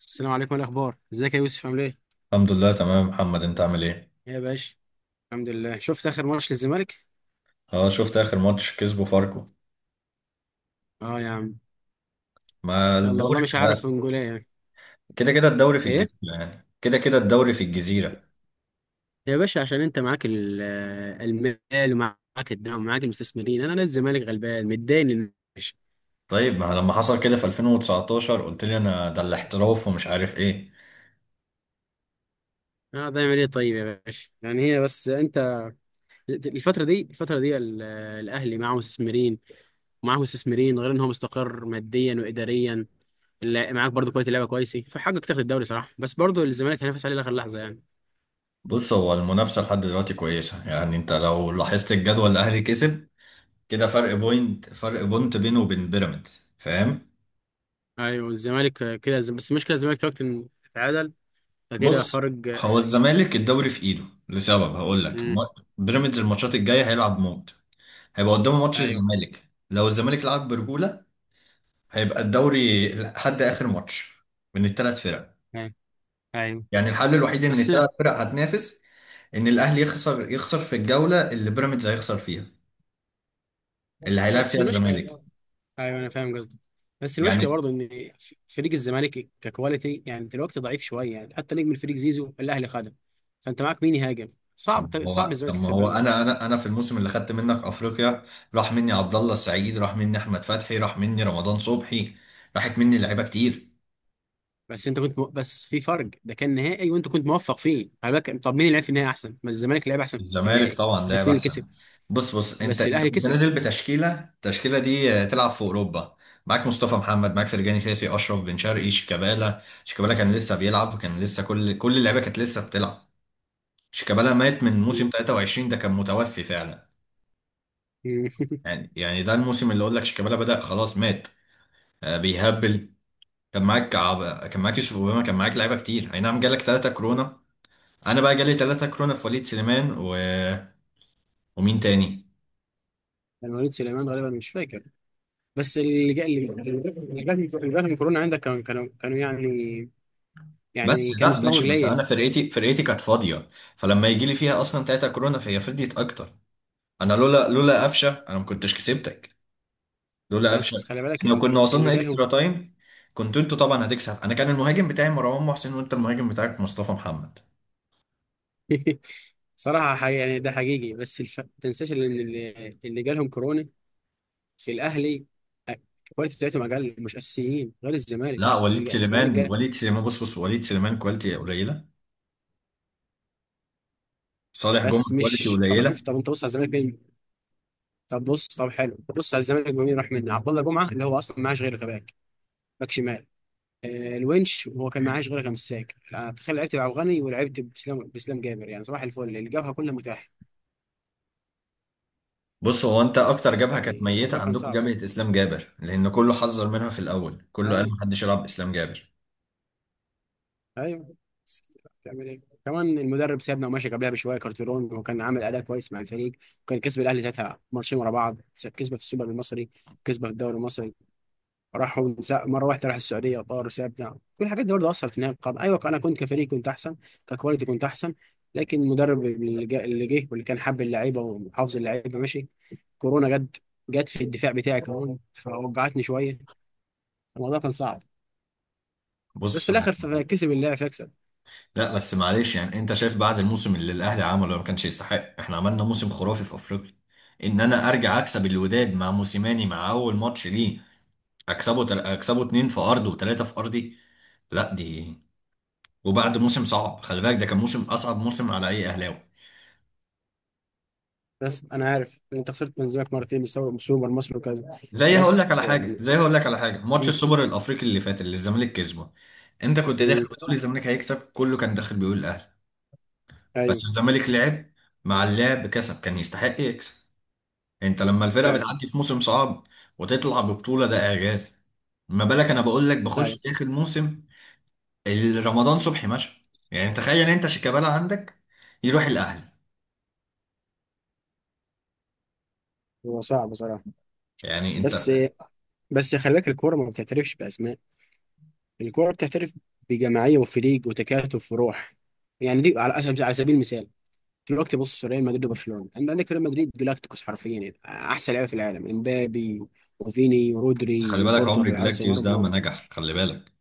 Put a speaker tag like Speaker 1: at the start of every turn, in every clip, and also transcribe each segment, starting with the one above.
Speaker 1: السلام عليكم، إيه الاخبار؟ ازيك يا يوسف؟ عامل ايه؟
Speaker 2: الحمد لله تمام محمد، انت عامل ايه؟
Speaker 1: إيه يا باشا؟ الحمد لله. شفت اخر ماتش للزمالك؟
Speaker 2: اه شفت اخر ماتش كسبه فاركو.
Speaker 1: اه يا عم.
Speaker 2: ما
Speaker 1: يلا والله
Speaker 2: الدوري في
Speaker 1: مش
Speaker 2: ده.
Speaker 1: عارف انجوليه يعني.
Speaker 2: كده كده الدوري في
Speaker 1: ايه
Speaker 2: الجزيرة، يعني كده كده الدوري في الجزيرة.
Speaker 1: يا باشا، عشان انت معاك المال ومعاك الدعم ومعاك المستثمرين. انا نادي الزمالك غلبان متداين يا باشا.
Speaker 2: طيب ما لما حصل كده في 2019 قلت لي انا ده الاحتراف ومش عارف ايه.
Speaker 1: اه ده يعمل ايه طيب يا باشا؟ يعني هي بس انت الفتره دي الاهلي معاه مستثمرين، ومعاه مستثمرين غير ان هو مستقر ماديا واداريا. معاك برضو كواليتي لعيبه كويسه، فحقق تاخد الدوري صراحه، بس برضو الزمالك هينافس عليه لاخر لحظه يعني.
Speaker 2: بص هو المنافسة لحد دلوقتي كويسة، يعني انت لو لاحظت الجدول الاهلي كسب كده، فرق بوينت فرق بوينت بينه وبين بيراميدز، فاهم؟
Speaker 1: ايوه، الزمالك كده، بس المشكله الزمالك دلوقتي إن اتعادل فكده
Speaker 2: بص،
Speaker 1: فرق.
Speaker 2: هو الزمالك الدوري في ايده لسبب هقول لك.
Speaker 1: امم.
Speaker 2: بيراميدز الماتشات الجاية هيلعب موت. هيبقى قدامه ماتش
Speaker 1: ايوه،
Speaker 2: الزمالك. لو الزمالك لعب برجولة هيبقى الدوري لحد آخر ماتش من الثلاث فرق.
Speaker 1: ايوه، ايوه.
Speaker 2: يعني الحل الوحيد إن
Speaker 1: بس
Speaker 2: الثلاث فرق هتنافس، إن الأهلي يخسر، يخسر في الجولة اللي بيراميدز هيخسر فيها، اللي هيلاعب
Speaker 1: بس
Speaker 2: فيها
Speaker 1: المشكله،
Speaker 2: الزمالك.
Speaker 1: ايوه انا فاهم قصدك، بس المشكله
Speaker 2: يعني
Speaker 1: برضه ان فريق الزمالك ككواليتي يعني دلوقتي ضعيف شويه يعني، حتى نجم الفريق زيزو الاهلي خده. فانت معاك مين يهاجم؟
Speaker 2: طب
Speaker 1: صعب
Speaker 2: ما
Speaker 1: صعب
Speaker 2: هو طب
Speaker 1: الزمالك
Speaker 2: ما
Speaker 1: يكسب
Speaker 2: هو
Speaker 1: بيراميدز.
Speaker 2: أنا في الموسم اللي خدت منك أفريقيا، راح مني عبد الله السعيد، راح مني أحمد فتحي، راح مني رمضان صبحي، راحت مني لعيبة كتير.
Speaker 1: بس انت كنت بس في فرق، ده كان نهائي وانت كنت موفق فيه، على بالك طب مين اللي لعب في النهائي احسن؟ ما الزمالك لعب احسن في
Speaker 2: الزمالك
Speaker 1: النهائي.
Speaker 2: طبعا
Speaker 1: بس
Speaker 2: لعب
Speaker 1: مين اللي
Speaker 2: احسن.
Speaker 1: كسب؟
Speaker 2: بص انت
Speaker 1: بس
Speaker 2: انت
Speaker 1: الاهلي
Speaker 2: كنت
Speaker 1: كسب.
Speaker 2: نازل بتشكيله، التشكيله دي تلعب في اوروبا. معاك مصطفى محمد، معاك فرجاني ساسي، اشرف بن شرقي، شيكابالا. شيكابالا كان لسه بيلعب وكان لسه كل اللعيبه كانت لسه بتلعب. شيكابالا مات من
Speaker 1: مم.
Speaker 2: موسم 23، ده كان متوفي فعلا. يعني ده الموسم اللي اقول لك شيكابالا بدأ خلاص مات. بيهبل. كان معاك كان معاك يوسف اوباما، كان معاك لعيبه كتير. اي نعم جالك ثلاثه كورونا. انا بقى جالي ثلاثه كورونا، في وليد سليمان ومين تاني.
Speaker 1: كان وليد سليمان غالبا، مش فاكر. بس اللي جا اللي اللي جات من كورونا عندك كانوا يعني،
Speaker 2: بس
Speaker 1: يعني كان
Speaker 2: لا
Speaker 1: مستواهم
Speaker 2: ماشي، بس انا
Speaker 1: قليل.
Speaker 2: فرقتي كانت فاضيه، فلما يجي لي فيها اصلا تلاته كورونا فهي فضيت اكتر. انا لولا قفشه انا ما كنتش كسبتك، لولا قفشه.
Speaker 1: بس خلي بالك
Speaker 2: احنا كنا
Speaker 1: اللي
Speaker 2: وصلنا
Speaker 1: جالهم
Speaker 2: اكسترا تايم. كنت انتوا طبعا هتكسب. انا كان المهاجم بتاعي مروان محسن، وانت المهاجم بتاعك مصطفى محمد.
Speaker 1: صراحة حقيقي يعني، ده حقيقي، بس ما تنساش ان اللي جالهم كورونا في الاهلي، الكواليتي بتاعتهم اقل، مش اساسيين غير
Speaker 2: لا
Speaker 1: الزمالك
Speaker 2: وليد
Speaker 1: الزمالك
Speaker 2: سليمان،
Speaker 1: جال.
Speaker 2: وليد سليمان بص بص وليد سليمان كواليتي قليله. صالح جمعه
Speaker 1: بس
Speaker 2: كواليتي
Speaker 1: مش، طب
Speaker 2: قليله.
Speaker 1: شوف، طب انت بص على الزمالك مين؟ طب بص، طب حلو، بص على الزمالك مين راح منه. عبد الله جمعة اللي هو اصلا معاش غير غباك، باك شمال. الونش وهو كان معاه شغل مساك. انا تخيل لعبت بعبد الغني، ولعبت باسلام جابر، يعني صباح الفل اللي جابها كلها متاحه.
Speaker 2: بص هو انت اكتر جبهه كانت
Speaker 1: يعني الموضوع
Speaker 2: ميته
Speaker 1: كان
Speaker 2: عندكم
Speaker 1: صعب.
Speaker 2: جبهه اسلام جابر، لان كله حذر منها في الاول، كله قال
Speaker 1: ايوه،
Speaker 2: محدش يلعب اسلام جابر.
Speaker 1: ايوه، بس تعمل ايه؟ كمان المدرب سابنا ومشى قبلها بشويه كارتيرون، وكان عامل اداء كويس مع الفريق، وكان كسب الاهلي ساعتها ماتشين ورا بعض، كسبه في السوبر المصري، كسبه في الدوري المصري. راحوا مره واحده راح السعوديه وطار وسابنا. كل الحاجات دي برضه اثرت في نهايه القرن. ايوه، انا كنت كفريق كنت احسن، ككواليتي كنت احسن. لكن المدرب اللي جه واللي كان حب اللعيبه وحافظ اللعيبه ماشي، كورونا جت. جت في الدفاع بتاعي كمان، فوجعتني شويه. الموضوع كان صعب. بس في
Speaker 2: بص،
Speaker 1: الاخر كسب اللاعب يكسب.
Speaker 2: لا بس معلش، يعني انت شايف بعد الموسم اللي الاهلي عمله ما كانش يستحق. احنا عملنا موسم خرافي في افريقيا، ان انا ارجع اكسب الوداد مع موسيماني مع اول ماتش ليه. اكسبه اكسبه اتنين في ارضه وتلاته في ارضي. لا دي، وبعد موسم صعب، خلي بالك ده كان موسم اصعب موسم على اي اهلاوي.
Speaker 1: بس انا عارف انت خسرت من زمانك مرتين، سوبر مصر وكذا.
Speaker 2: زي هقول لك على
Speaker 1: بس
Speaker 2: حاجه
Speaker 1: يعني.
Speaker 2: زي هقول لك على حاجه ماتش
Speaker 1: م-
Speaker 2: السوبر الافريقي اللي فات اللي الزمالك كسبه، انت كنت داخل
Speaker 1: م-
Speaker 2: بتقول الزمالك هيكسب، كله كان داخل بيقول الاهلي.
Speaker 1: ايوه،
Speaker 2: بس الزمالك لعب، مع اللعب كسب، كان يستحق يكسب. انت لما الفرقه
Speaker 1: فعلا.
Speaker 2: بتعدي في موسم صعب وتطلع ببطوله ده اعجاز. ما بالك انا بقول لك بخش
Speaker 1: ايوه.
Speaker 2: اخر موسم. رمضان صبحي ماشي. يعني تخيل انت، شيكابالا عندك يروح الاهلي.
Speaker 1: هو صعب بصراحه.
Speaker 2: يعني انت
Speaker 1: بس بس خلي بالك الكوره ما بتعترفش باسماء. الكورة بتحترف بجماعية وفريق وتكاتف وروح. يعني دي على سبيل المثال، دلوقتي بص في ريال مدريد وبرشلونة. انت عندك ريال مدريد جلاكتيكوس، حرفيا يعني احسن لعيبة في العالم، امبابي وفيني
Speaker 2: خلي
Speaker 1: ورودري
Speaker 2: بالك،
Speaker 1: وكورتوا
Speaker 2: عمر
Speaker 1: في حارس
Speaker 2: جلاكتيوس ده ما
Speaker 1: المرمى.
Speaker 2: نجح، خلي بالك.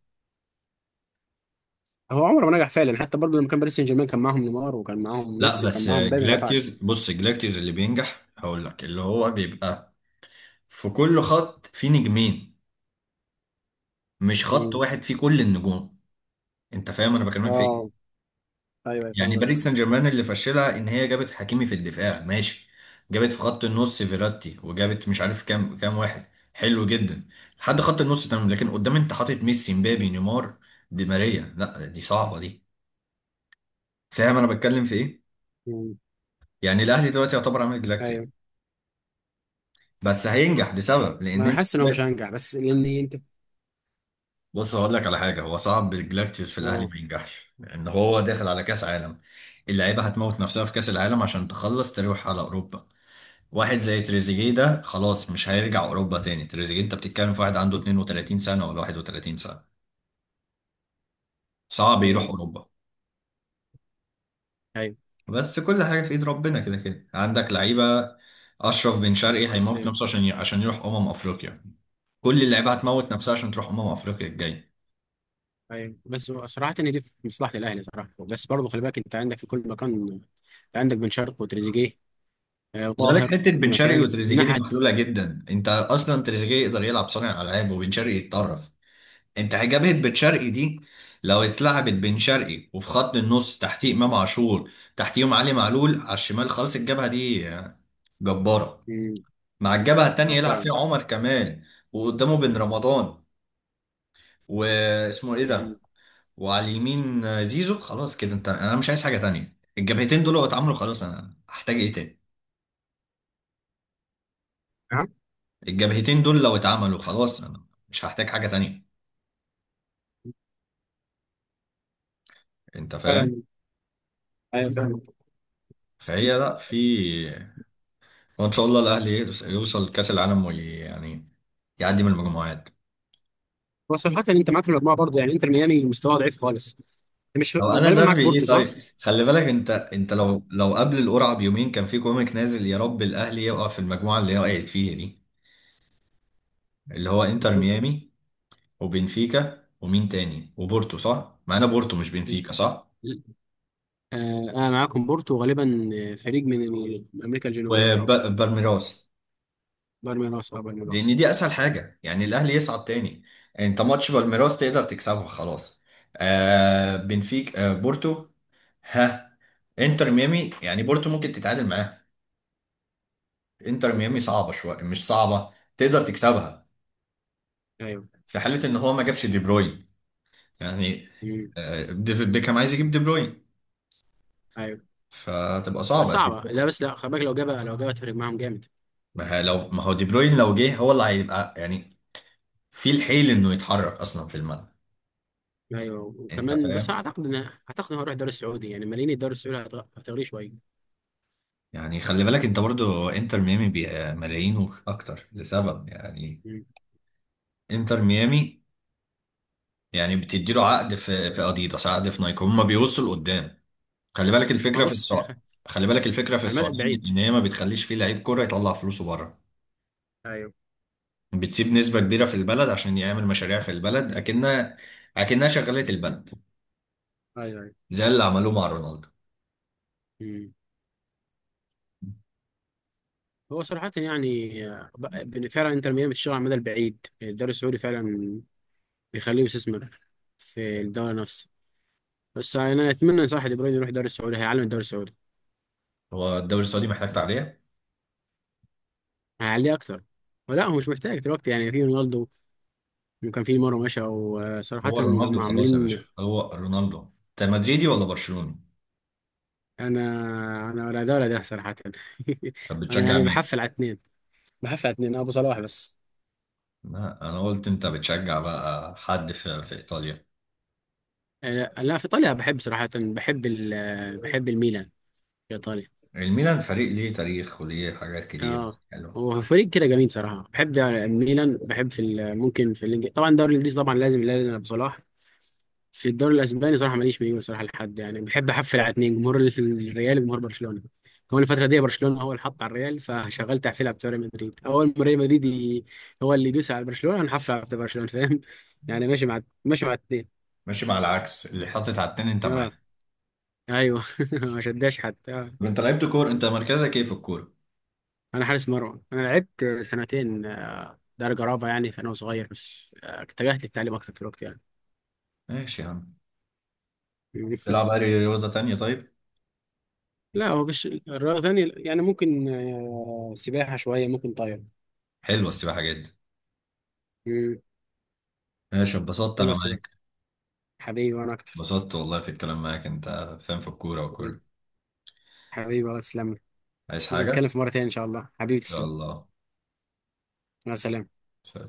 Speaker 1: هو عمره ما نجح فعلا. حتى برضه لما كان باريس سان جيرمان كان معاهم نيمار وكان معاهم
Speaker 2: لا
Speaker 1: ميسي وكان
Speaker 2: بس
Speaker 1: معاهم مبابي، ما
Speaker 2: جلاكتيوس،
Speaker 1: نفعش.
Speaker 2: بص، جلاكتيوس اللي بينجح هقول لك، اللي هو بيبقى في كل خط في نجمين، مش خط
Speaker 1: مم.
Speaker 2: واحد فيه كل النجوم. انت فاهم انا بكلمك في
Speaker 1: اه.
Speaker 2: ايه؟
Speaker 1: ايوه، أيوة،
Speaker 2: يعني
Speaker 1: فاهم قصدك.
Speaker 2: باريس سان جيرمان اللي فشلها ان هي جابت حكيمي في الدفاع، ماشي. جابت في خط النص فيراتي، وجابت مش عارف كام واحد، حلو جدا لحد خط النص تمام. لكن قدام انت حاطط ميسي، مبابي، نيمار، دي ماريا. لا دي صعبه دي. فاهم انا بتكلم في ايه؟
Speaker 1: مم.
Speaker 2: يعني الاهلي دلوقتي يعتبر عامل جلاكتيك،
Speaker 1: ايوه.
Speaker 2: بس هينجح لسبب،
Speaker 1: ما
Speaker 2: لان
Speaker 1: انا
Speaker 2: انت
Speaker 1: حاسس ان هو مش
Speaker 2: لا،
Speaker 1: هينجح، بس لان انت.
Speaker 2: بص هقول لك على حاجه، هو صعب الجلاكتيوس في الاهلي
Speaker 1: اه.
Speaker 2: ما ينجحش، لان هو داخل على كاس عالم. اللعيبه هتموت نفسها في كاس العالم عشان تخلص تروح على اوروبا. واحد زي تريزيجيه ده خلاص مش هيرجع اوروبا تاني. تريزيجيه انت بتتكلم في واحد عنده 32 سنه ولا 31 سنه، صعب يروح
Speaker 1: ايوه،
Speaker 2: اوروبا.
Speaker 1: ايوه.
Speaker 2: بس كل حاجه في ايد ربنا، كده كده عندك لعيبه. اشرف بن شرقي
Speaker 1: بس.
Speaker 2: هيموت نفسه عشان يروح افريقيا. كل اللعيبه هتموت نفسها عشان تروح افريقيا الجايه.
Speaker 1: ايوه بس، هو صراحة ان دي في مصلحة الاهلي صراحة. بس برضه خلي بالك انت عندك في كل مكان. انت عندك بن شرقي وتريزيجيه
Speaker 2: خلي بالك
Speaker 1: وطاهر
Speaker 2: حته
Speaker 1: في
Speaker 2: بن شرقي
Speaker 1: مكان
Speaker 2: وتريزيجيه دي
Speaker 1: نحت.
Speaker 2: محلوله جدا، انت اصلا تريزيجيه يقدر يلعب صانع العاب، وبن شرقي يتطرف. انت جبهة بن شرقي دي لو اتلعبت بن شرقي، وفي خط النص تحتيه امام عاشور، تحتيهم علي معلول على الشمال خالص، الجبهة دي جبارة.
Speaker 1: مم،
Speaker 2: مع الجبهة التانية يلعب
Speaker 1: فعلا.
Speaker 2: فيها عمر كمال، وقدامه بن رمضان، واسمه ايه
Speaker 1: مم.
Speaker 2: ده، وعلى اليمين زيزو. خلاص كده، انت انا مش عايز حاجة تانية. الجبهتين دول لو اتعملوا خلاص انا هحتاج ايه تاني؟
Speaker 1: نعم.
Speaker 2: الجبهتين دول لو اتعملوا خلاص انا مش هحتاج حاجة تانية. انت فاهم؟
Speaker 1: فعلا. ايوه، فعلا.
Speaker 2: فهي لا في، وان شاء الله الاهلي يوصل كاس العالم وي يعني يعدي من المجموعات.
Speaker 1: هو صراحة انت معاك الاربعة برضه، يعني انتر ميامي مستواه ضعيف خالص. أنت مش
Speaker 2: او انا
Speaker 1: غالبا
Speaker 2: ذنبي
Speaker 1: معاك
Speaker 2: ايه
Speaker 1: بورتو
Speaker 2: طيب.
Speaker 1: صح؟
Speaker 2: خلي بالك انت، انت
Speaker 1: آه،
Speaker 2: لو قبل القرعه بيومين كان في كوميك نازل يا رب الاهلي يقع في المجموعه اللي هي وقعت فيها دي، اللي هو انتر ميامي وبنفيكا ومين تاني، وبورتو صح؟ معانا بورتو مش بنفيكا، صح؟
Speaker 1: انا معاكم بورتو وغالبا فريق من امريكا الجنوبيه، او
Speaker 2: وبالميراس.
Speaker 1: بالميراس او
Speaker 2: لان
Speaker 1: بالميراس.
Speaker 2: دي اسهل حاجه يعني الاهلي يصعد تاني. انت ماتش بالميراس تقدر تكسبه، خلاص. آه بنفيك، آه بورتو، ها، انتر ميامي. يعني بورتو ممكن تتعادل معاه، انتر ميامي صعبه شويه، مش صعبه، تقدر تكسبها،
Speaker 1: ايوه.
Speaker 2: في حاله ان هو ما جابش دي بروين. يعني
Speaker 1: مم.
Speaker 2: ديفيد بيكهام عايز يجيب دي بروين،
Speaker 1: ايوه
Speaker 2: فتبقى
Speaker 1: بس
Speaker 2: صعبه دي
Speaker 1: صعبه،
Speaker 2: بروين.
Speaker 1: لا بس لا، خلي بالك، لو جابها تفرق معاهم جامد.
Speaker 2: ما هي- لو، ما هو دي بروين لو جه هو اللي هيبقى يعني في الحيل انه يتحرك اصلا في الملعب.
Speaker 1: ايوه
Speaker 2: انت
Speaker 1: وكمان، بس
Speaker 2: فاهم؟
Speaker 1: اعتقد ان، اعتقد ان هروح الدوري السعودي يعني ماليني، الدوري السعودي هتغريه شويه.
Speaker 2: يعني خلي بالك، انت برضو انتر ميامي ملايين اكتر لسبب يعني،
Speaker 1: مم.
Speaker 2: انتر ميامي يعني بتديله عقد في اديداس، عقد في نايك، هما بيوصوا لقدام، خلي بالك
Speaker 1: ما
Speaker 2: الفكره في
Speaker 1: بص يا اخي،
Speaker 2: السعر. خلي بالك الفكره في
Speaker 1: على المدى
Speaker 2: السعوديه ان
Speaker 1: البعيد.
Speaker 2: إن هي ما بتخليش فيه لعيب كوره يطلع فلوسه بره،
Speaker 1: ايوه،
Speaker 2: بتسيب نسبه كبيره في البلد عشان يعمل مشاريع في البلد، اكنها اكنها شغاله البلد،
Speaker 1: ايوه، ايوه.
Speaker 2: زي اللي عملوه مع رونالدو.
Speaker 1: مم. هو صراحه يعني فعلا، انتر ميامي بتشتغل على المدى البعيد. الدوري السعودي فعلا بيخليه يستثمر في الدوري نفسه. بس انا اتمنى صراحه دي بروين يروح الدوري السعودي، هيعلم الدوري السعودي،
Speaker 2: هو الدوري السعودي محتاج تعليق.
Speaker 1: هيعليه اكتر. ولا هو مش محتاج دلوقتي؟ يعني في رونالدو، وكان في مره مشى، وصراحه
Speaker 2: هو رونالدو
Speaker 1: هم
Speaker 2: خلاص يا باشا،
Speaker 1: عاملين.
Speaker 2: هو رونالدو. انت مدريدي ولا برشلوني؟
Speaker 1: انا انا ولا ده ولا ده صراحه.
Speaker 2: طب
Speaker 1: انا
Speaker 2: بتشجع
Speaker 1: يعني
Speaker 2: مين؟
Speaker 1: بحفل على اتنين، بحفل على اتنين ابو صلاح بس.
Speaker 2: لا انا قلت انت بتشجع بقى حد في, ايطاليا.
Speaker 1: لا، في ايطاليا بحب صراحه، بحب ال آه، بحب الميلان في ايطاليا.
Speaker 2: الميلان فريق ليه تاريخ وليه حاجات كتير
Speaker 1: اه،
Speaker 2: حلوه.
Speaker 1: هو فريق كده جميل صراحه، بحب يعني الميلان. بحب ممكن في الانجليزي، طبعا الدوري الانجليزي طبعا لازم لازم ابو صلاح. في الدوري الاسباني صراحه ماليش ميول صراحه لحد، يعني بحب احفل على اتنين، جمهور الريال وجمهور برشلونه. كمان الفتره دي برشلونه هو اللي حط على الريال، فشغال تحفيل بتوع ريال مدريد. اول ما ريال مدريد هو اللي يدوس على برشلونه هنحفل على بتوع برشلونه، فاهم؟ يعني ماشي مع الاتنين
Speaker 2: ماشي مع العكس، اللي حاطط على التاني انت معاه.
Speaker 1: اه. ايوه. ما شداش حد آه.
Speaker 2: طب انت لعبت كورة؟ انت مركزك ايه في الكورة؟
Speaker 1: انا حارس مرمى، انا لعبت سنتين درجه رابعه يعني فانا صغير. بس اتجهت للتعليم اكتر في الوقت يعني.
Speaker 2: ماشي يا عم. تلعب اي رياضة تانية طيب؟
Speaker 1: لا هو مش رياضه ثانيه يعني، ممكن سباحه شويه، ممكن طايره.
Speaker 2: حلوة السباحة جدا. ماشي، اتبسطت
Speaker 1: حلوه
Speaker 2: انا
Speaker 1: السباق.
Speaker 2: معاك.
Speaker 1: حبيبي وانا اكتر.
Speaker 2: اتبسطت والله في الكلام معاك، انت فاهم في الكورة
Speaker 1: حبيبي.
Speaker 2: وكل.
Speaker 1: حبيبي والله، تسلم لي.
Speaker 2: عايز حاجة ان
Speaker 1: ونتكلم في مره تانيه ان شاء الله، حبيبي
Speaker 2: شاء
Speaker 1: تسلم.
Speaker 2: الله.
Speaker 1: مع السلامه.
Speaker 2: سلام.